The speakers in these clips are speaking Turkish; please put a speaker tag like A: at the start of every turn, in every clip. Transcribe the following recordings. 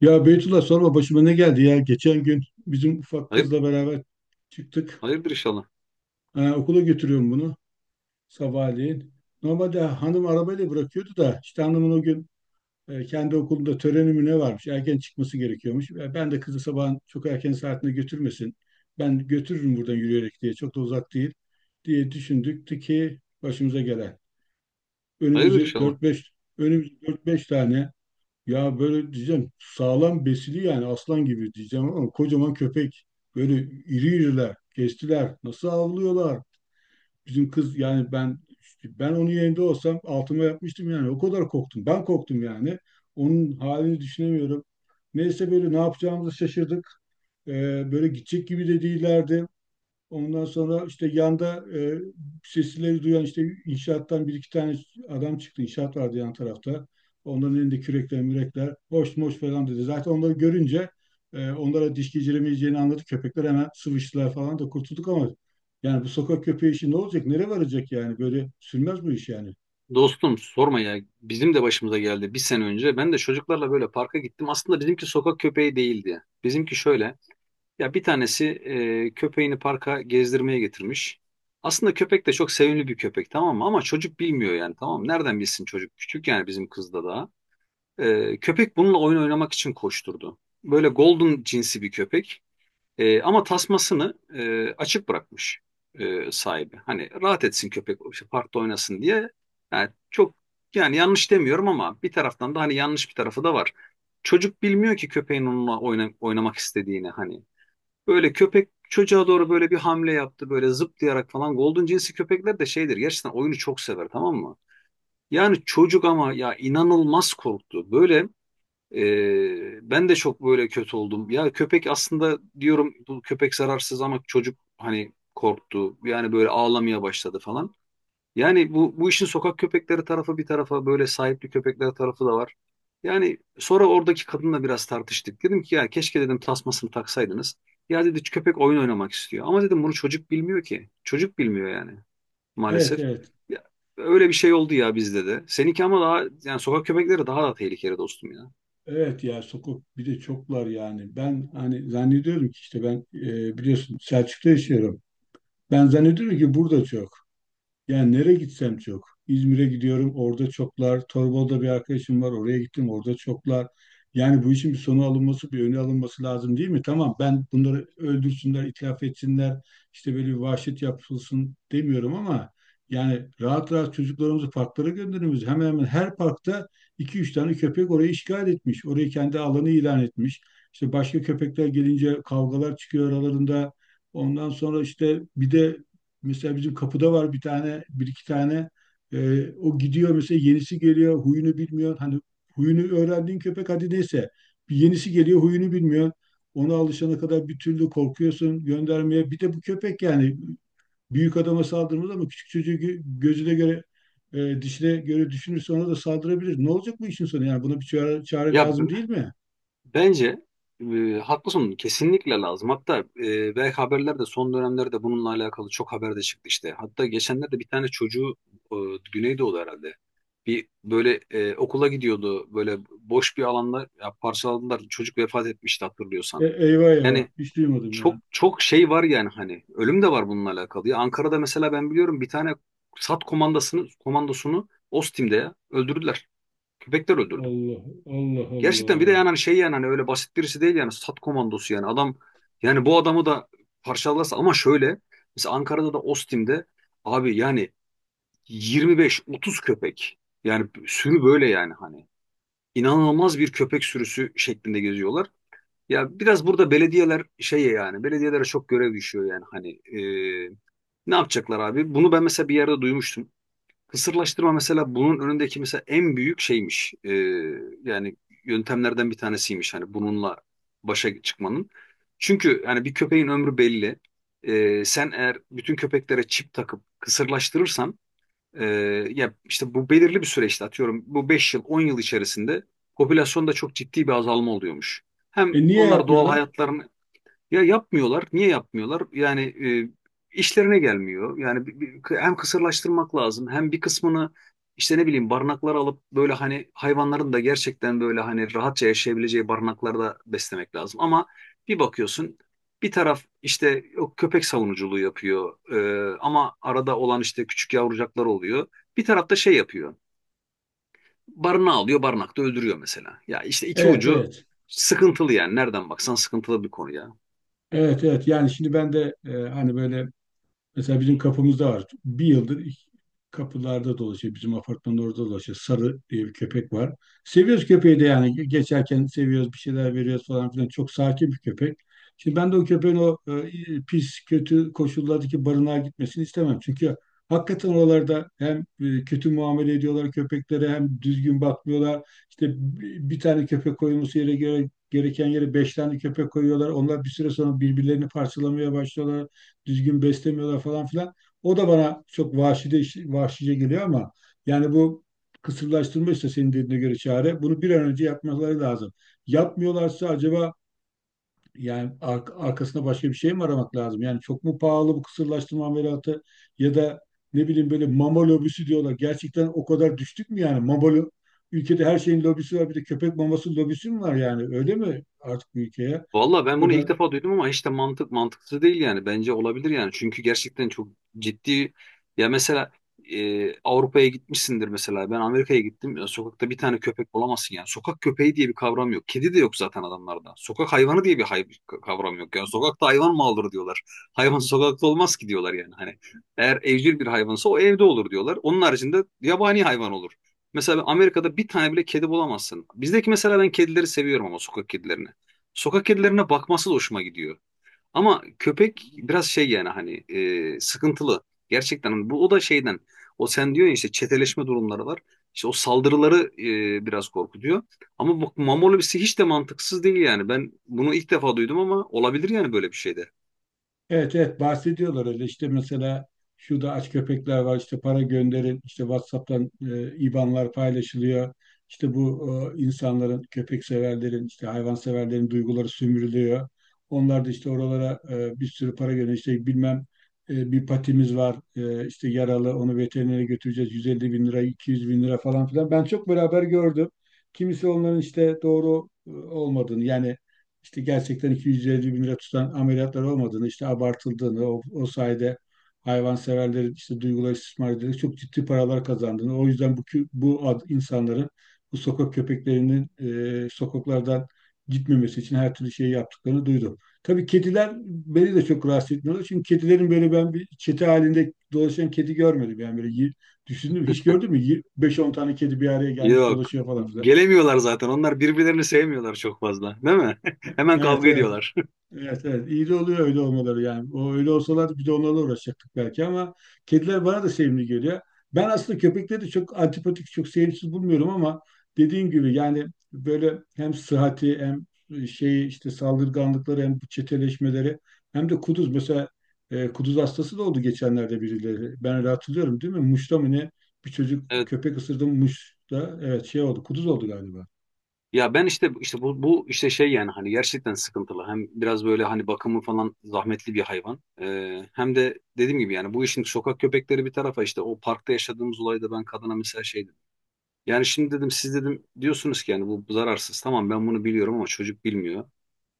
A: Ya Beytullah, sorma başıma ne geldi ya. Geçen gün bizim ufak
B: Hayır,
A: kızla beraber çıktık.
B: hayırdır inşallah.
A: Ha, okula götürüyorum bunu sabahleyin. Normalde hanım arabayla bırakıyordu da işte hanımın o gün kendi okulunda töreni mi ne varmış. Erken çıkması gerekiyormuş. Ben de kızı sabahın çok erken saatinde götürmesin. Ben götürürüm buradan yürüyerek diye. Çok da uzak değil diye düşündük ki başımıza gelen.
B: Hayırdır
A: Önümüzü
B: inşallah.
A: dört beş Önümüzü dört beş tane. Ya böyle diyeceğim sağlam besili, yani aslan gibi diyeceğim, ama kocaman köpek. Böyle iri iriler, kestiler. Nasıl avlıyorlar? Bizim kız yani ben Ben onun yerinde olsam altıma yapmıştım yani. O kadar korktum. Ben korktum yani. Onun halini düşünemiyorum. Neyse, böyle ne yapacağımızı şaşırdık. Böyle gidecek gibi de değillerdi. Ondan sonra işte yanda sesleri duyan işte inşaattan bir iki tane adam çıktı. İnşaat vardı yan tarafta. Onların elinde kürekler, mürekler, hoş moş falan dedi. Zaten onları görünce onlara diş geçiremeyeceğini anladı. Köpekler hemen sıvıştılar falan da kurtulduk ama yani bu sokak köpeği işi ne olacak? Nereye varacak yani? Böyle sürmez bu iş yani.
B: Dostum sorma ya. Bizim de başımıza geldi bir sene önce. Ben de çocuklarla böyle parka gittim. Aslında bizimki sokak köpeği değildi. Bizimki şöyle. Ya bir tanesi köpeğini parka gezdirmeye getirmiş. Aslında köpek de çok sevimli bir köpek, tamam mı? Ama çocuk bilmiyor yani, tamam mı? Nereden bilsin çocuk? Küçük yani bizim kızda daha. E, köpek bununla oyun oynamak için koşturdu. Böyle golden cinsi bir köpek. E, ama tasmasını açık bırakmış sahibi. Hani rahat etsin köpek, işte parkta oynasın diye. Yani çok yani yanlış demiyorum ama bir taraftan da hani yanlış bir tarafı da var. Çocuk bilmiyor ki köpeğin onunla oynamak istediğini hani. Böyle köpek çocuğa doğru böyle bir hamle yaptı, böyle zıplayarak falan. Golden cinsi köpekler de şeydir, gerçekten oyunu çok sever, tamam mı? Yani çocuk ama ya inanılmaz korktu. Böyle ben de çok böyle kötü oldum. Ya köpek aslında diyorum, bu köpek zararsız ama çocuk hani korktu. Yani böyle ağlamaya başladı falan. Yani bu işin sokak köpekleri tarafı bir tarafa, böyle sahipli köpekler tarafı da var. Yani sonra oradaki kadınla biraz tartıştık. Dedim ki ya keşke dedim tasmasını taksaydınız. Ya dedi köpek oyun oynamak istiyor. Ama dedim bunu çocuk bilmiyor ki. Çocuk bilmiyor yani
A: Evet,
B: maalesef.
A: evet.
B: Ya, öyle bir şey oldu ya bizde de. Seninki ama daha yani sokak köpekleri daha da tehlikeli dostum ya.
A: Evet ya, sokak bir de çoklar yani. Ben hani zannediyorum ki işte ben biliyorsun Selçuk'ta yaşıyorum. Ben zannediyorum ki burada çok. Yani nereye gitsem çok. İzmir'e gidiyorum, orada çoklar. Torbalı'da bir arkadaşım var, oraya gittim, orada çoklar. Yani bu işin bir sonu alınması, bir önü alınması lazım, değil mi? Tamam, ben bunları öldürsünler, itlaf etsinler, işte böyle bir vahşet yapılsın demiyorum ama yani rahat rahat çocuklarımızı parklara gönderiyoruz. Hemen hemen her parkta iki üç tane köpek orayı işgal etmiş. Orayı kendi alanı ilan etmiş. İşte başka köpekler gelince kavgalar çıkıyor aralarında. Ondan sonra işte bir de mesela bizim kapıda var bir tane, bir iki tane. O gidiyor mesela, yenisi geliyor, huyunu bilmiyor. Hani huyunu öğrendiğin köpek hadi neyse. Bir yenisi geliyor, huyunu bilmiyor. Ona alışana kadar bir türlü korkuyorsun göndermeye. Bir de bu köpek yani büyük adama saldırmaz ama küçük çocuğu gözüne göre dişine göre düşünürse ona da saldırabilir. Ne olacak bu işin sonu yani? Buna bir çare
B: Ya
A: lazım,
B: b-
A: değil mi?
B: Bence haklısın, kesinlikle lazım. Hatta belki haberlerde son dönemlerde bununla alakalı çok haber de çıktı işte. Hatta geçenlerde bir tane çocuğu e, Güneydoğu herhalde. Bir böyle okula gidiyordu böyle boş bir alanda ya, parçaladılar. Çocuk vefat etmişti,
A: E,
B: hatırlıyorsan.
A: eyvah eyvah.
B: Yani
A: Hiç duymadım ya.
B: çok çok şey var yani hani ölüm de var bununla alakalı. Ya Ankara'da mesela ben biliyorum bir tane SAT komandosunu Ostim'de ya, öldürdüler. Köpekler öldürdü.
A: Allah Allah Allah.
B: Gerçekten bir de
A: Allah.
B: yani hani şey yani hani öyle basit birisi değil yani stat komandosu yani adam yani bu adamı da parçalarsa ama şöyle mesela Ankara'da da Ostim'de abi yani 25-30 köpek yani sürü böyle yani hani inanılmaz bir köpek sürüsü şeklinde geziyorlar. Ya biraz burada belediyeler şeye yani belediyelere çok görev düşüyor yani hani ne yapacaklar abi? Bunu ben mesela bir yerde duymuştum. Kısırlaştırma mesela bunun önündeki mesela en büyük şeymiş. Yani yöntemlerden bir tanesiymiş hani bununla başa çıkmanın. Çünkü yani bir köpeğin ömrü belli. Sen eğer bütün köpeklere çip takıp kısırlaştırırsan e, ya işte bu belirli bir süreçte, atıyorum bu 5 yıl 10 yıl içerisinde popülasyonda çok ciddi bir azalma oluyormuş. Hem
A: E niye
B: onlar doğal
A: yapmıyorlar?
B: hayatlarını ya yapmıyorlar. Niye yapmıyorlar? Yani e, işlerine gelmiyor. Yani hem kısırlaştırmak lazım hem bir kısmını işte ne bileyim barınaklara alıp böyle hani hayvanların da gerçekten böyle hani rahatça yaşayabileceği barınaklarda beslemek lazım. Ama bir bakıyorsun bir taraf işte o köpek savunuculuğu yapıyor, ama arada olan işte küçük yavrucaklar oluyor. Bir taraf da şey yapıyor. Barınağı alıyor, barınakta öldürüyor mesela. Ya işte iki
A: Evet,
B: ucu
A: evet.
B: sıkıntılı yani, nereden baksan sıkıntılı bir konu ya.
A: Evet evet, yani şimdi ben de hani böyle mesela bizim kapımızda var. Bir yıldır kapılarda dolaşıyor. Bizim apartmanın orada dolaşıyor. Sarı diye bir köpek var. Seviyoruz köpeği de yani. Geçerken seviyoruz, bir şeyler veriyoruz falan filan. Çok sakin bir köpek. Şimdi ben de o köpeğin pis, kötü koşullardaki barınağa gitmesini istemem. Çünkü hakikaten oralarda hem kötü muamele ediyorlar köpeklere, hem düzgün bakmıyorlar. İşte bir tane köpek koyulması yere göre, gereken yere beş tane köpek koyuyorlar. Onlar bir süre sonra birbirlerini parçalamaya başlıyorlar, düzgün beslemiyorlar falan filan. O da bana çok vahşice geliyor ama yani bu kısırlaştırma, işte senin dediğine göre çare. Bunu bir an önce yapmaları lazım. Yapmıyorlarsa acaba yani arkasında başka bir şey mi aramak lazım? Yani çok mu pahalı bu kısırlaştırma ameliyatı, ya da ne bileyim, böyle mama lobisi diyorlar. Gerçekten o kadar düştük mü yani? Ülkede her şeyin lobisi var. Bir de köpek maması lobisi mi var yani? Öyle mi artık bu ülkeye?
B: Valla
A: Bu
B: ben bunu
A: kadar.
B: ilk defa duydum ama hiç de mantıksız değil yani. Bence olabilir yani. Çünkü gerçekten çok ciddi ya mesela Avrupa'ya gitmişsindir mesela. Ben Amerika'ya gittim. Ya sokakta bir tane köpek bulamazsın yani. Sokak köpeği diye bir kavram yok. Kedi de yok zaten adamlarda. Sokak hayvanı diye bir kavram yok. Yani sokakta hayvan mı olur diyorlar. Hayvan sokakta olmaz ki diyorlar yani. Hani eğer evcil bir hayvansa o evde olur diyorlar. Onun haricinde yabani hayvan olur. Mesela Amerika'da bir tane bile kedi bulamazsın. Bizdeki mesela ben kedileri seviyorum ama sokak kedilerini. Sokak kedilerine bakması da hoşuma gidiyor. Ama köpek biraz şey yani hani sıkıntılı. Gerçekten hani bu o da şeyden o sen diyor ya işte çeteleşme durumları var. İşte o saldırıları biraz korkutuyor. Ama bu mamolobisi hiç de mantıksız değil yani. Ben bunu ilk defa duydum ama olabilir yani böyle bir şeyde.
A: Evet evet, bahsediyorlar öyle, işte mesela şurada aç köpekler var işte para gönderin, işte WhatsApp'tan IBAN'lar paylaşılıyor. İşte bu insanların, köpek severlerin, işte hayvan severlerin duyguları sömürülüyor. Onlar da işte oralara bir sürü para gönderiyor, işte bilmem bir patimiz var işte yaralı, onu veterinere götüreceğiz, 150 bin lira, 200 bin lira falan filan. Ben çok beraber gördüm. Kimisi onların işte doğru olmadığını, yani işte gerçekten 250 bin lira tutan ameliyatlar olmadığını, işte abartıldığını, o sayede hayvanseverlerin işte duyguları istismar edilerek çok ciddi paralar kazandığını, o yüzden bu, bu insanların, bu sokak köpeklerinin sokaklardan gitmemesi için her türlü şeyi yaptıklarını duydum. Tabii kediler beni de çok rahatsız etmiyorlar. Çünkü kedilerin böyle, ben bir çete halinde dolaşan kedi görmedim. Yani böyle düşündüm. Hiç gördün mü? 5-10 tane kedi bir araya gelmiş
B: Yok.
A: dolaşıyor falan filan.
B: Gelemiyorlar zaten. Onlar birbirlerini sevmiyorlar çok fazla. Değil mi? Hemen
A: Evet,
B: kavga
A: evet.
B: ediyorlar.
A: Evet evet, iyi de oluyor öyle olmaları yani. O öyle olsalardı biz de onlarla uğraşacaktık belki ama kediler bana da sevimli geliyor. Ben aslında köpekleri de çok antipatik, çok sevimsiz bulmuyorum ama dediğim gibi yani böyle hem sıhhati, hem şey işte saldırganlıkları, hem bu çeteleşmeleri, hem de kuduz mesela, kuduz hastası da oldu geçenlerde birileri. Ben öyle hatırlıyorum, değil mi? Muş'ta mı ne? Bir çocuk köpek ısırdı mı Muş'ta, evet şey oldu, kuduz oldu galiba.
B: Ya ben işte bu işte şey yani hani gerçekten sıkıntılı. Hem biraz böyle hani bakımı falan zahmetli bir hayvan. Hem de dediğim gibi yani bu işin sokak köpekleri bir tarafa, işte o parkta yaşadığımız olayda ben kadına mesela şey dedim. Yani şimdi dedim siz dedim diyorsunuz ki yani bu zararsız. Tamam, ben bunu biliyorum ama çocuk bilmiyor.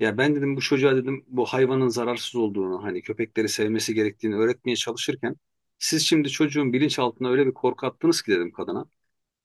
B: Ya ben dedim bu çocuğa dedim bu hayvanın zararsız olduğunu, hani köpekleri sevmesi gerektiğini öğretmeye çalışırken siz şimdi çocuğun bilinçaltına öyle bir korku attınız ki dedim kadına.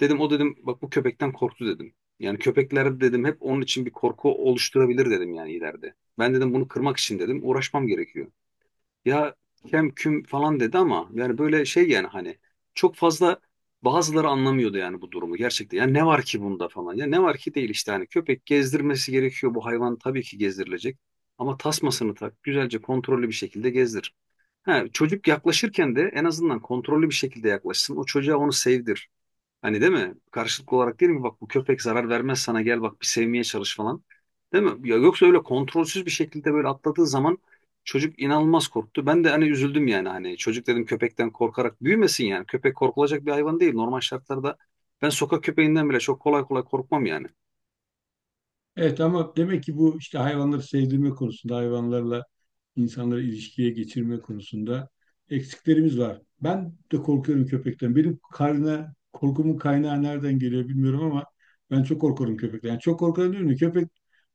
B: Dedim o dedim bak bu köpekten korktu dedim. Yani köpekler dedim hep onun için bir korku oluşturabilir dedim yani ileride. Ben dedim bunu kırmak için dedim uğraşmam gerekiyor. Ya kem küm falan dedi ama yani böyle şey yani hani çok fazla bazıları anlamıyordu yani bu durumu gerçekten. Ya ne var ki bunda falan, ya ne var ki değil işte hani köpek gezdirmesi gerekiyor, bu hayvan tabii ki gezdirilecek. Ama tasmasını tak, güzelce kontrollü bir şekilde gezdir. Ha, çocuk yaklaşırken de en azından kontrollü bir şekilde yaklaşsın. O çocuğa onu sevdir. Hani, değil mi? Karşılıklı olarak, değil mi? Bak bu köpek zarar vermez sana, gel bak bir sevmeye çalış falan. Değil mi? Ya yoksa öyle kontrolsüz bir şekilde böyle atladığı zaman çocuk inanılmaz korktu. Ben de hani üzüldüm yani hani çocuk dedim köpekten korkarak büyümesin yani. Köpek korkulacak bir hayvan değil. Normal şartlarda ben sokak köpeğinden bile çok kolay kolay korkmam yani.
A: Evet, ama demek ki bu işte hayvanları sevdirme konusunda, hayvanlarla insanları ilişkiye geçirme konusunda eksiklerimiz var. Ben de korkuyorum köpekten. Benim karnına korkumun kaynağı nereden geliyor bilmiyorum ama ben çok korkuyorum köpekten. Yani çok korkuyorum, değil mi? Köpek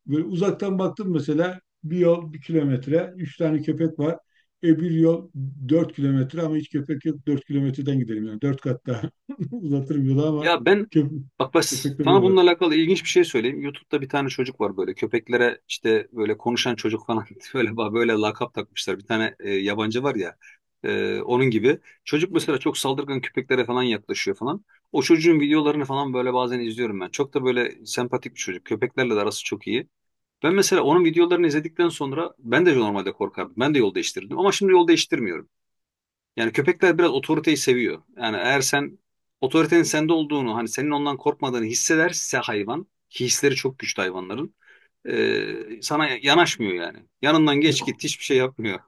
A: böyle uzaktan baktım mesela, bir yol 1 kilometre, üç tane köpek var. E bir yol 4 kilometre ama hiç köpek yok. 4 kilometreden gidelim yani. Dört kat daha uzatırım yolu ama
B: Ya ben
A: köp
B: bak bas
A: köpekler
B: sana bununla
A: olur.
B: alakalı ilginç bir şey söyleyeyim. YouTube'da bir tane çocuk var böyle köpeklere işte böyle konuşan çocuk falan böyle böyle lakap takmışlar. Bir tane yabancı var ya onun gibi. Çocuk mesela çok saldırgan köpeklere falan yaklaşıyor falan. O çocuğun videolarını falan böyle bazen izliyorum ben. Çok da böyle sempatik bir çocuk. Köpeklerle de arası çok iyi. Ben mesela onun videolarını izledikten sonra ben de normalde korkardım. Ben de yol değiştirdim ama şimdi yol değiştirmiyorum. Yani köpekler biraz otoriteyi seviyor. Yani eğer sen otoritenin sende olduğunu, hani senin ondan korkmadığını hissederse hayvan, ki hisleri çok güçlü hayvanların, sana yanaşmıyor yani. Yanından
A: E,
B: geç git, hiçbir şey yapmıyor.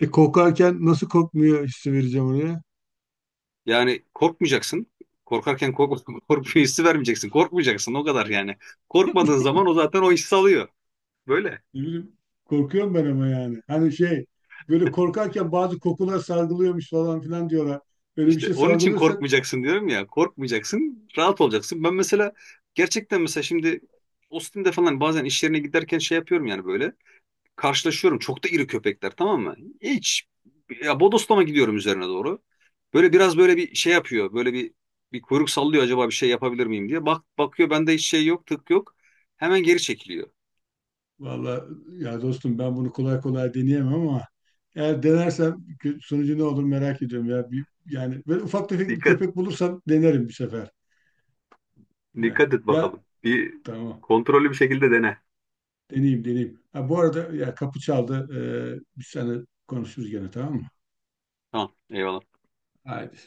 A: Korkarken nasıl korkmuyor hissi vereceğim oraya?
B: Yani korkmayacaksın. Korkarken kork, korkuyor hissi vermeyeceksin. Korkmayacaksın o kadar yani. Korkmadığın zaman o zaten o hissi alıyor. Böyle.
A: Ne bileyim, korkuyorum ben ama yani. Hani şey, böyle korkarken bazı kokular sargılıyormuş falan filan diyorlar. Böyle bir
B: İşte
A: şey
B: onun için
A: sargılıyorsak,
B: korkmayacaksın diyorum ya. Korkmayacaksın, rahat olacaksın. Ben mesela gerçekten mesela şimdi Austin'de falan bazen iş yerine giderken şey yapıyorum yani böyle. Karşılaşıyorum. Çok da iri köpekler, tamam mı? Hiç, ya bodoslama gidiyorum üzerine doğru. Böyle biraz böyle bir şey yapıyor. Böyle bir kuyruk sallıyor acaba bir şey yapabilir miyim diye. Bak bakıyor bende hiç şey yok, tık yok. Hemen geri çekiliyor.
A: vallahi ya dostum, ben bunu kolay kolay deneyemem ama eğer denersem sonucu ne olur merak ediyorum ya. Bir, yani böyle ufak tefek bir
B: Dikkat,
A: köpek bulursam denerim bir sefer. He.
B: dikkat et
A: Ya
B: bakalım. Bir
A: tamam,
B: kontrollü bir şekilde dene.
A: deneyeyim deneyeyim. Ha, bu arada ya kapı çaldı. Biz seninle konuşuruz gene, tamam mı?
B: Tamam, eyvallah.
A: Haydi.